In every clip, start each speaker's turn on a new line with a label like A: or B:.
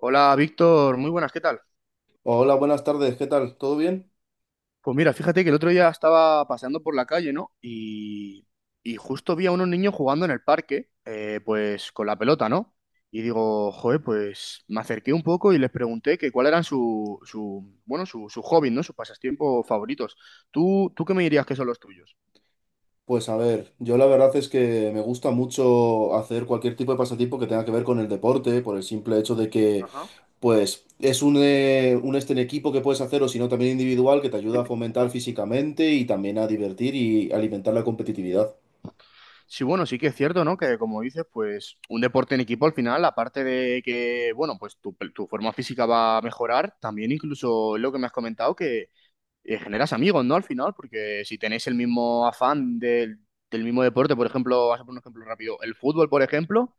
A: Hola Víctor, muy buenas, ¿qué tal?
B: Hola, buenas tardes, ¿qué tal? ¿Todo bien?
A: Pues mira, fíjate que el otro día estaba paseando por la calle, ¿no? Y justo vi a unos niños jugando en el parque, pues con la pelota, ¿no? Y digo, joder, pues me acerqué un poco y les pregunté que cuál eran su bueno, su hobby, ¿no? Sus pasatiempos favoritos. ¿Tú qué me dirías que son los tuyos?
B: Pues a ver, yo la verdad es que me gusta mucho hacer cualquier tipo de pasatiempo que tenga que ver con el deporte, por el simple hecho de que,
A: Ajá.
B: pues, es un este en equipo que puedes hacer o si no también individual que te ayuda a fomentar físicamente y también a divertir y alimentar la competitividad.
A: Sí, bueno, sí que es cierto, ¿no? Que como dices, pues un deporte en equipo al final, aparte de que, bueno, pues tu forma física va a mejorar, también incluso lo que me has comentado, que generas amigos, ¿no? Al final, porque si tenéis el mismo afán del mismo deporte, por ejemplo, vas a poner un ejemplo rápido, el fútbol, por ejemplo,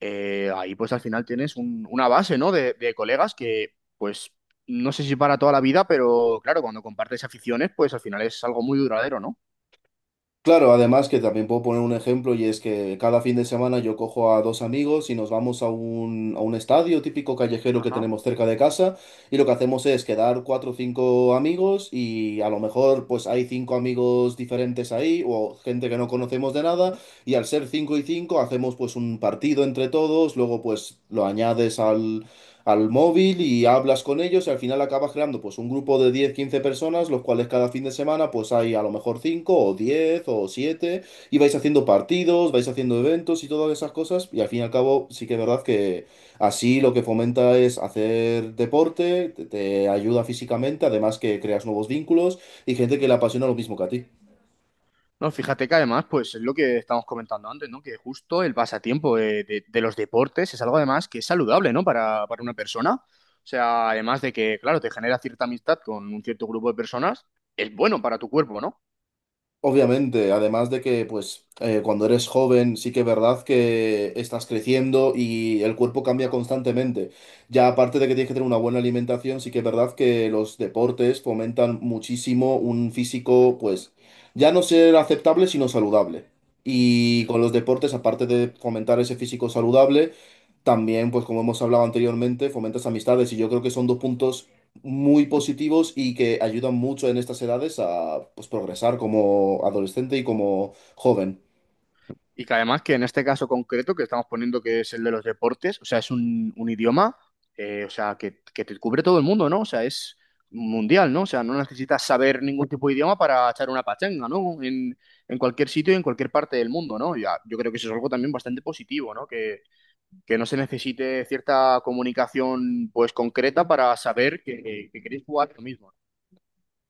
A: ahí pues al final tienes una base, ¿no? De colegas que, pues, no sé si para toda la vida, pero claro, cuando compartes aficiones, pues al final es algo muy duradero, ¿no?
B: Claro, además que también puedo poner un ejemplo y es que cada fin de semana yo cojo a dos amigos y nos vamos a un estadio típico callejero que
A: Ajá.
B: tenemos cerca de casa y lo que hacemos es quedar cuatro o cinco amigos y a lo mejor pues hay cinco amigos diferentes ahí o gente que no conocemos de nada y al ser cinco y cinco hacemos pues un partido entre todos. Luego pues lo añades al móvil y hablas con ellos y al final acabas creando pues un grupo de 10 15 personas, los cuales cada fin de semana pues hay a lo mejor 5 o 10 o 7 y vais haciendo partidos, vais haciendo eventos y todas esas cosas. Y al fin y al cabo sí que es verdad que así lo que fomenta es hacer deporte, te ayuda físicamente, además que creas nuevos vínculos y gente que le apasiona lo mismo que a ti.
A: No, fíjate que además, pues es lo que estamos comentando antes, ¿no? Que justo el pasatiempo de los deportes es algo además que es saludable, ¿no? Para una persona. O sea, además de que, claro, te genera cierta amistad con un cierto grupo de personas, es bueno para tu cuerpo, ¿no?
B: Obviamente, además de que, pues, cuando eres joven, sí que es verdad que estás creciendo y el cuerpo cambia constantemente. Ya aparte de que tienes que tener una buena alimentación, sí que es verdad que los deportes fomentan muchísimo un físico, pues, ya no ser aceptable, sino saludable. Y con los deportes, aparte de fomentar ese físico saludable, también, pues como hemos hablado anteriormente, fomentas amistades y yo creo que son dos puntos muy positivos y que ayudan mucho en estas edades a pues, progresar como adolescente y como joven.
A: Y que además que en este caso concreto que estamos poniendo que es el de los deportes, o sea, es un idioma, o sea, que te cubre todo el mundo, ¿no? O sea, es mundial, ¿no? O sea, no necesitas saber ningún tipo de idioma para echar una pachanga, ¿no? En cualquier sitio y en cualquier parte del mundo, ¿no? Ya, yo creo que eso es algo también bastante positivo, ¿no? Que no se necesite cierta comunicación, pues, concreta para saber que queréis jugar lo mismo.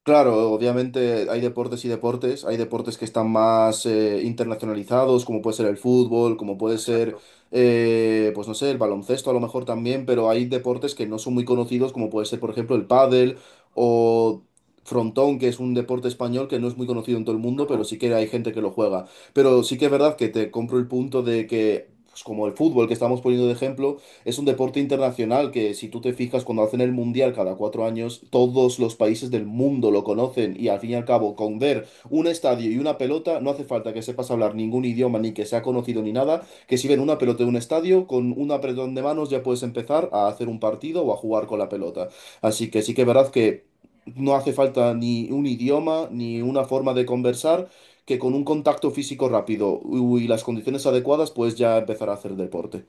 B: Claro, obviamente hay deportes y deportes. Hay deportes que están más internacionalizados, como puede ser el fútbol, como puede ser,
A: Exacto.
B: pues no sé, el baloncesto a lo mejor también, pero hay deportes que no son muy conocidos, como puede ser, por ejemplo, el pádel o frontón, que es un deporte español que no es muy conocido en todo el mundo, pero
A: Ajá.
B: sí que hay gente que lo juega. Pero sí que es verdad que te compro el punto de que, pues como el fútbol que estamos poniendo de ejemplo es un deporte internacional, que si tú te fijas cuando hacen el mundial cada cuatro años, todos los países del mundo lo conocen, y al fin y al cabo con ver un estadio y una pelota no hace falta que sepas hablar ningún idioma ni que sea conocido ni nada, que si ven una pelota de un estadio, con un apretón de manos ya puedes empezar a hacer un partido o a jugar con la pelota. Así que sí que es verdad que no hace falta ni un idioma ni una forma de conversar, que con un contacto físico rápido y las condiciones adecuadas puedes ya empezar a hacer deporte.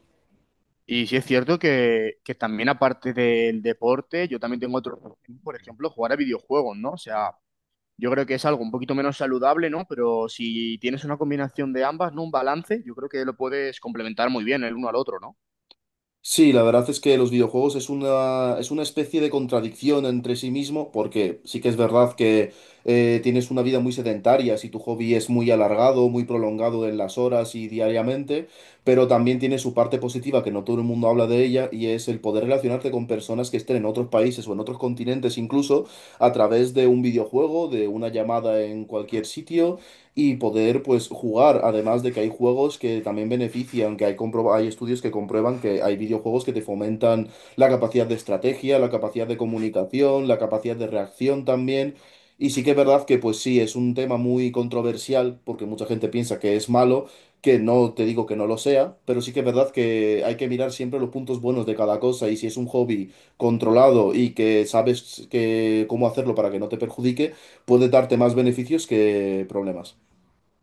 A: Y sí es cierto que también aparte del deporte, yo también tengo otro, por ejemplo, jugar a videojuegos, ¿no? O sea, yo creo que es algo un poquito menos saludable, ¿no? Pero si tienes una combinación de ambas, ¿no? Un balance, yo creo que lo puedes complementar muy bien el uno al otro, ¿no?
B: Sí, la verdad es que los videojuegos es una especie de contradicción entre sí mismo, porque sí que es
A: Ajá.
B: verdad que tienes una vida muy sedentaria si tu hobby es muy alargado, muy prolongado en las horas y diariamente, pero también tiene su parte positiva, que no todo el mundo habla de ella, y es el poder relacionarte con personas que estén en otros países o en otros continentes incluso, a través de un videojuego, de una llamada en cualquier sitio y poder pues jugar. Además de que hay juegos que también benefician, que hay, hay estudios que comprueban que hay videojuegos que te fomentan la capacidad de estrategia, la capacidad de comunicación, la capacidad de reacción también. Y sí que es verdad que pues sí, es un tema muy controversial porque mucha gente piensa que es malo, que no te digo que no lo sea, pero sí que es verdad que hay que mirar siempre los puntos buenos de cada cosa, y si es un hobby controlado y que sabes que cómo hacerlo para que no te perjudique, puede darte más beneficios que problemas.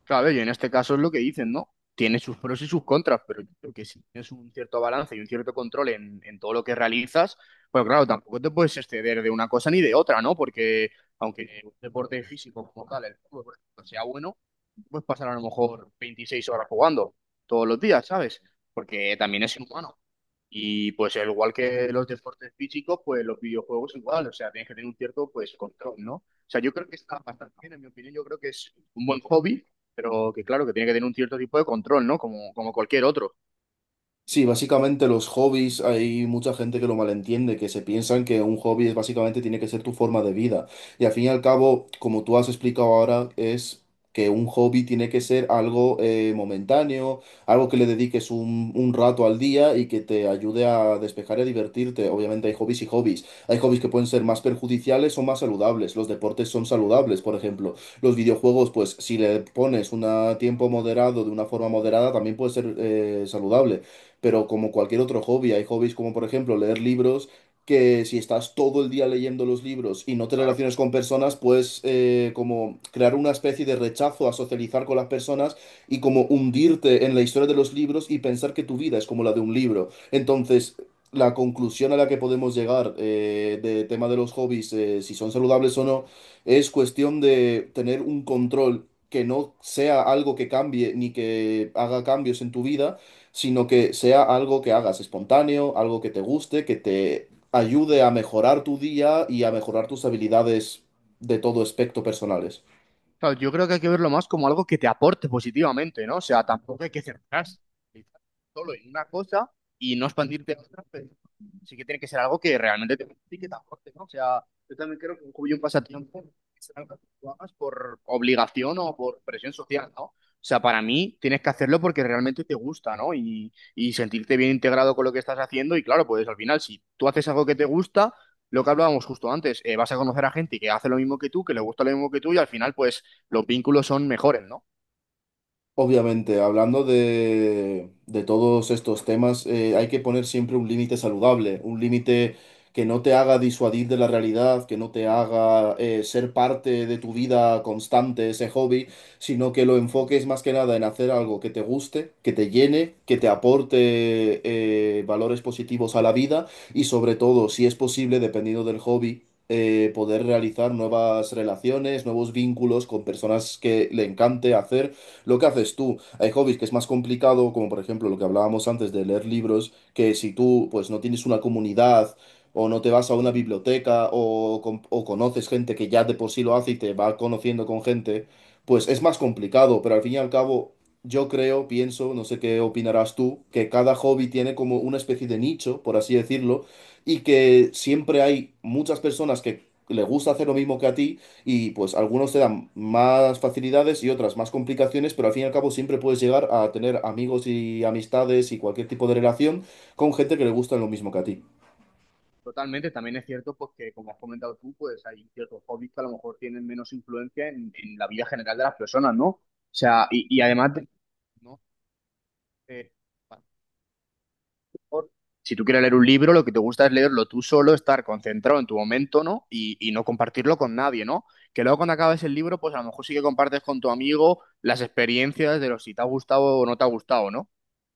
A: Claro, y en este caso es lo que dicen, ¿no? Tiene sus pros y sus contras, pero yo creo que si tienes un cierto balance y un cierto control en todo lo que realizas, pues claro, tampoco te puedes exceder de una cosa ni de otra, ¿no? Porque aunque un deporte físico como tal, el fútbol, por ejemplo, sea bueno, puedes pasar a lo mejor 26 horas jugando todos los días, ¿sabes? Porque también es inhumano. Y pues al igual que los deportes físicos, pues los videojuegos igual, o sea, tienes que tener un cierto pues control, ¿no? O sea, yo creo que está bastante bien, en mi opinión, yo creo que es un buen hobby, pero que claro, que tiene que tener un cierto tipo de control, ¿no? Como, como cualquier otro,
B: Sí, básicamente los hobbies, hay mucha gente que lo malentiende, que se piensan que un hobby es básicamente tiene que ser tu forma de vida. Y al fin y al cabo, como tú has explicado ahora, es que un hobby tiene que ser algo momentáneo, algo que le dediques un rato al día y que te ayude a despejar y a divertirte. Obviamente hay hobbies y hobbies. Hay hobbies que pueden ser más perjudiciales o más saludables. Los deportes son saludables, por ejemplo. Los videojuegos, pues si le pones un tiempo moderado, de una forma moderada, también puede ser saludable, pero como cualquier otro hobby, hay hobbies como por ejemplo leer libros, que si estás todo el día leyendo los libros y no te
A: claro.
B: relacionas con personas, puedes como crear una especie de rechazo a socializar con las personas y como hundirte en la historia de los libros y pensar que tu vida es como la de un libro. Entonces... La conclusión a la que podemos llegar de tema de los hobbies, si son saludables o no, es cuestión de tener un control, que no sea algo que cambie ni que haga cambios en tu vida, sino que sea algo que hagas espontáneo, algo que te guste, que te ayude a mejorar tu día y a mejorar tus habilidades de todo aspecto personales.
A: Claro, yo creo que hay que verlo más como algo que te aporte positivamente, ¿no? O sea, tampoco hay que cerrarse solo en una cosa y no expandirte a otra, pero sí que tiene que ser algo que realmente te guste y que te aporte, ¿no? O sea, yo también creo que un hobby y un pasatiempo es algo que tú hagas por obligación o por presión social, ¿no? O sea, para mí tienes que hacerlo porque realmente te gusta, ¿no? Y sentirte bien integrado con lo que estás haciendo. Y claro, pues al final, si tú haces algo que te gusta, lo que hablábamos justo antes, vas a conocer a gente que hace lo mismo que tú, que le gusta lo mismo que tú, y al final, pues los vínculos son mejores, ¿no?
B: Obviamente, hablando de todos estos temas, hay que poner siempre un límite saludable, un límite que no te haga disuadir de la realidad, que no te haga ser parte de tu vida constante, ese hobby, sino que lo enfoques más que nada en hacer algo que te guste, que te llene, que te aporte valores positivos a la vida, y sobre todo, si es posible, dependiendo del hobby. Poder realizar nuevas relaciones, nuevos vínculos con personas que le encante hacer lo que haces tú. Hay hobbies que es más complicado, como por ejemplo lo que hablábamos antes de leer libros, que si tú pues no tienes una comunidad o no te vas a una biblioteca o, o conoces gente que ya de por sí lo hace y te va conociendo con gente, pues es más complicado, pero al fin y al cabo yo creo, pienso, no sé qué opinarás tú, que cada hobby tiene como una especie de nicho, por así decirlo, y que siempre hay muchas personas que le gusta hacer lo mismo que a ti, y pues algunos te dan más facilidades y otras más complicaciones, pero al fin y al cabo siempre puedes llegar a tener amigos y amistades y cualquier tipo de relación con gente que le gusta lo mismo que a ti.
A: Totalmente, también es cierto pues, que, como has comentado tú, pues hay ciertos hobbies que a lo mejor tienen menos influencia en la vida general de las personas, ¿no? O sea, y además, de- ¿no? Eh, a lo mejor, si tú quieres leer un libro, lo que te gusta es leerlo tú solo, estar concentrado en tu momento, ¿no? Y no compartirlo con nadie, ¿no? Que luego cuando acabes el libro, pues a lo mejor sí que compartes con tu amigo las experiencias de los si te ha gustado o no te ha gustado, ¿no?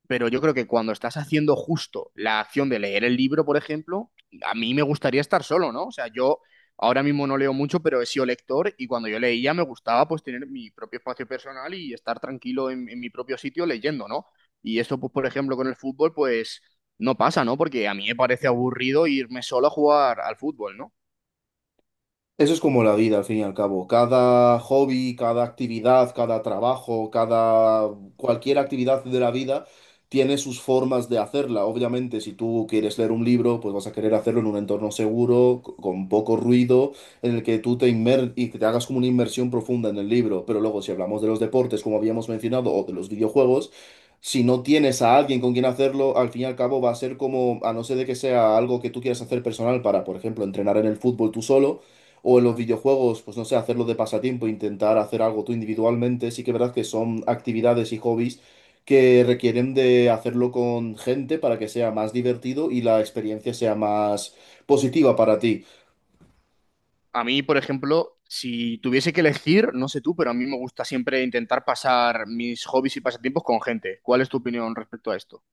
A: Pero yo creo que cuando estás haciendo justo la acción de leer el libro, por ejemplo, a mí me gustaría estar solo, ¿no? O sea, yo ahora mismo no leo mucho, pero he sido lector y cuando yo leía me gustaba pues tener mi propio espacio personal y estar tranquilo en mi propio sitio leyendo, ¿no? Y eso, pues, por ejemplo, con el fútbol, pues no pasa, ¿no? Porque a mí me parece aburrido irme solo a jugar al fútbol, ¿no?
B: Eso es como la vida, al fin y al cabo. Cada hobby, cada actividad, cada trabajo, cada cualquier actividad de la vida tiene sus formas de hacerla. Obviamente, si tú quieres leer un libro, pues vas a querer hacerlo en un entorno seguro, con poco ruido, en el que tú te inmer y que te hagas como una inmersión profunda en el libro. Pero luego, si hablamos de los deportes, como habíamos mencionado, o de los videojuegos, si no tienes a alguien con quien hacerlo, al fin y al cabo va a ser como, a no ser de que sea algo que tú quieras hacer personal para, por ejemplo, entrenar en el fútbol tú solo o en los
A: Mm.
B: videojuegos, pues no sé, hacerlo de pasatiempo, intentar hacer algo tú individualmente, sí que es verdad que son actividades y hobbies que requieren de hacerlo con gente para que sea más divertido y la experiencia sea más positiva para ti.
A: A mí, por ejemplo, si tuviese que elegir, no sé tú, pero a mí me gusta siempre intentar pasar mis hobbies y pasatiempos con gente. ¿Cuál es tu opinión respecto a esto?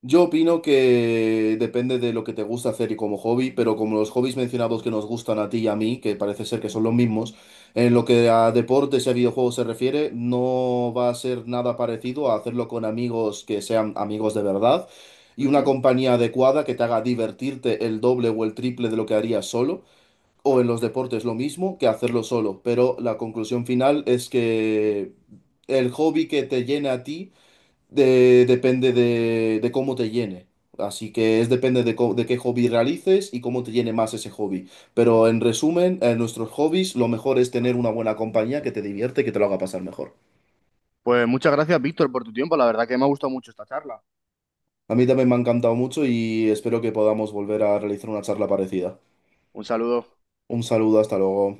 B: Yo opino que depende de lo que te gusta hacer y como hobby, pero como los hobbies mencionados que nos gustan a ti y a mí, que parece ser que son los mismos, en lo que a deportes y a videojuegos se refiere, no va a ser nada parecido a hacerlo con amigos que sean amigos de verdad y una
A: Ujú.
B: compañía adecuada que te haga divertirte el doble o el triple de lo que harías solo, o en los deportes lo mismo que hacerlo solo. Pero la conclusión final es que el hobby que te llene a ti depende de cómo te llene. Así que es depende de, de qué hobby realices y cómo te llene más ese hobby. Pero en resumen, en nuestros hobbies lo mejor es tener una buena compañía que te divierte y que te lo haga pasar mejor.
A: Pues muchas gracias, Víctor, por tu tiempo. La verdad que me ha gustado mucho esta charla.
B: A mí también me ha encantado mucho y espero que podamos volver a realizar una charla parecida.
A: Un saludo.
B: Un saludo, hasta luego.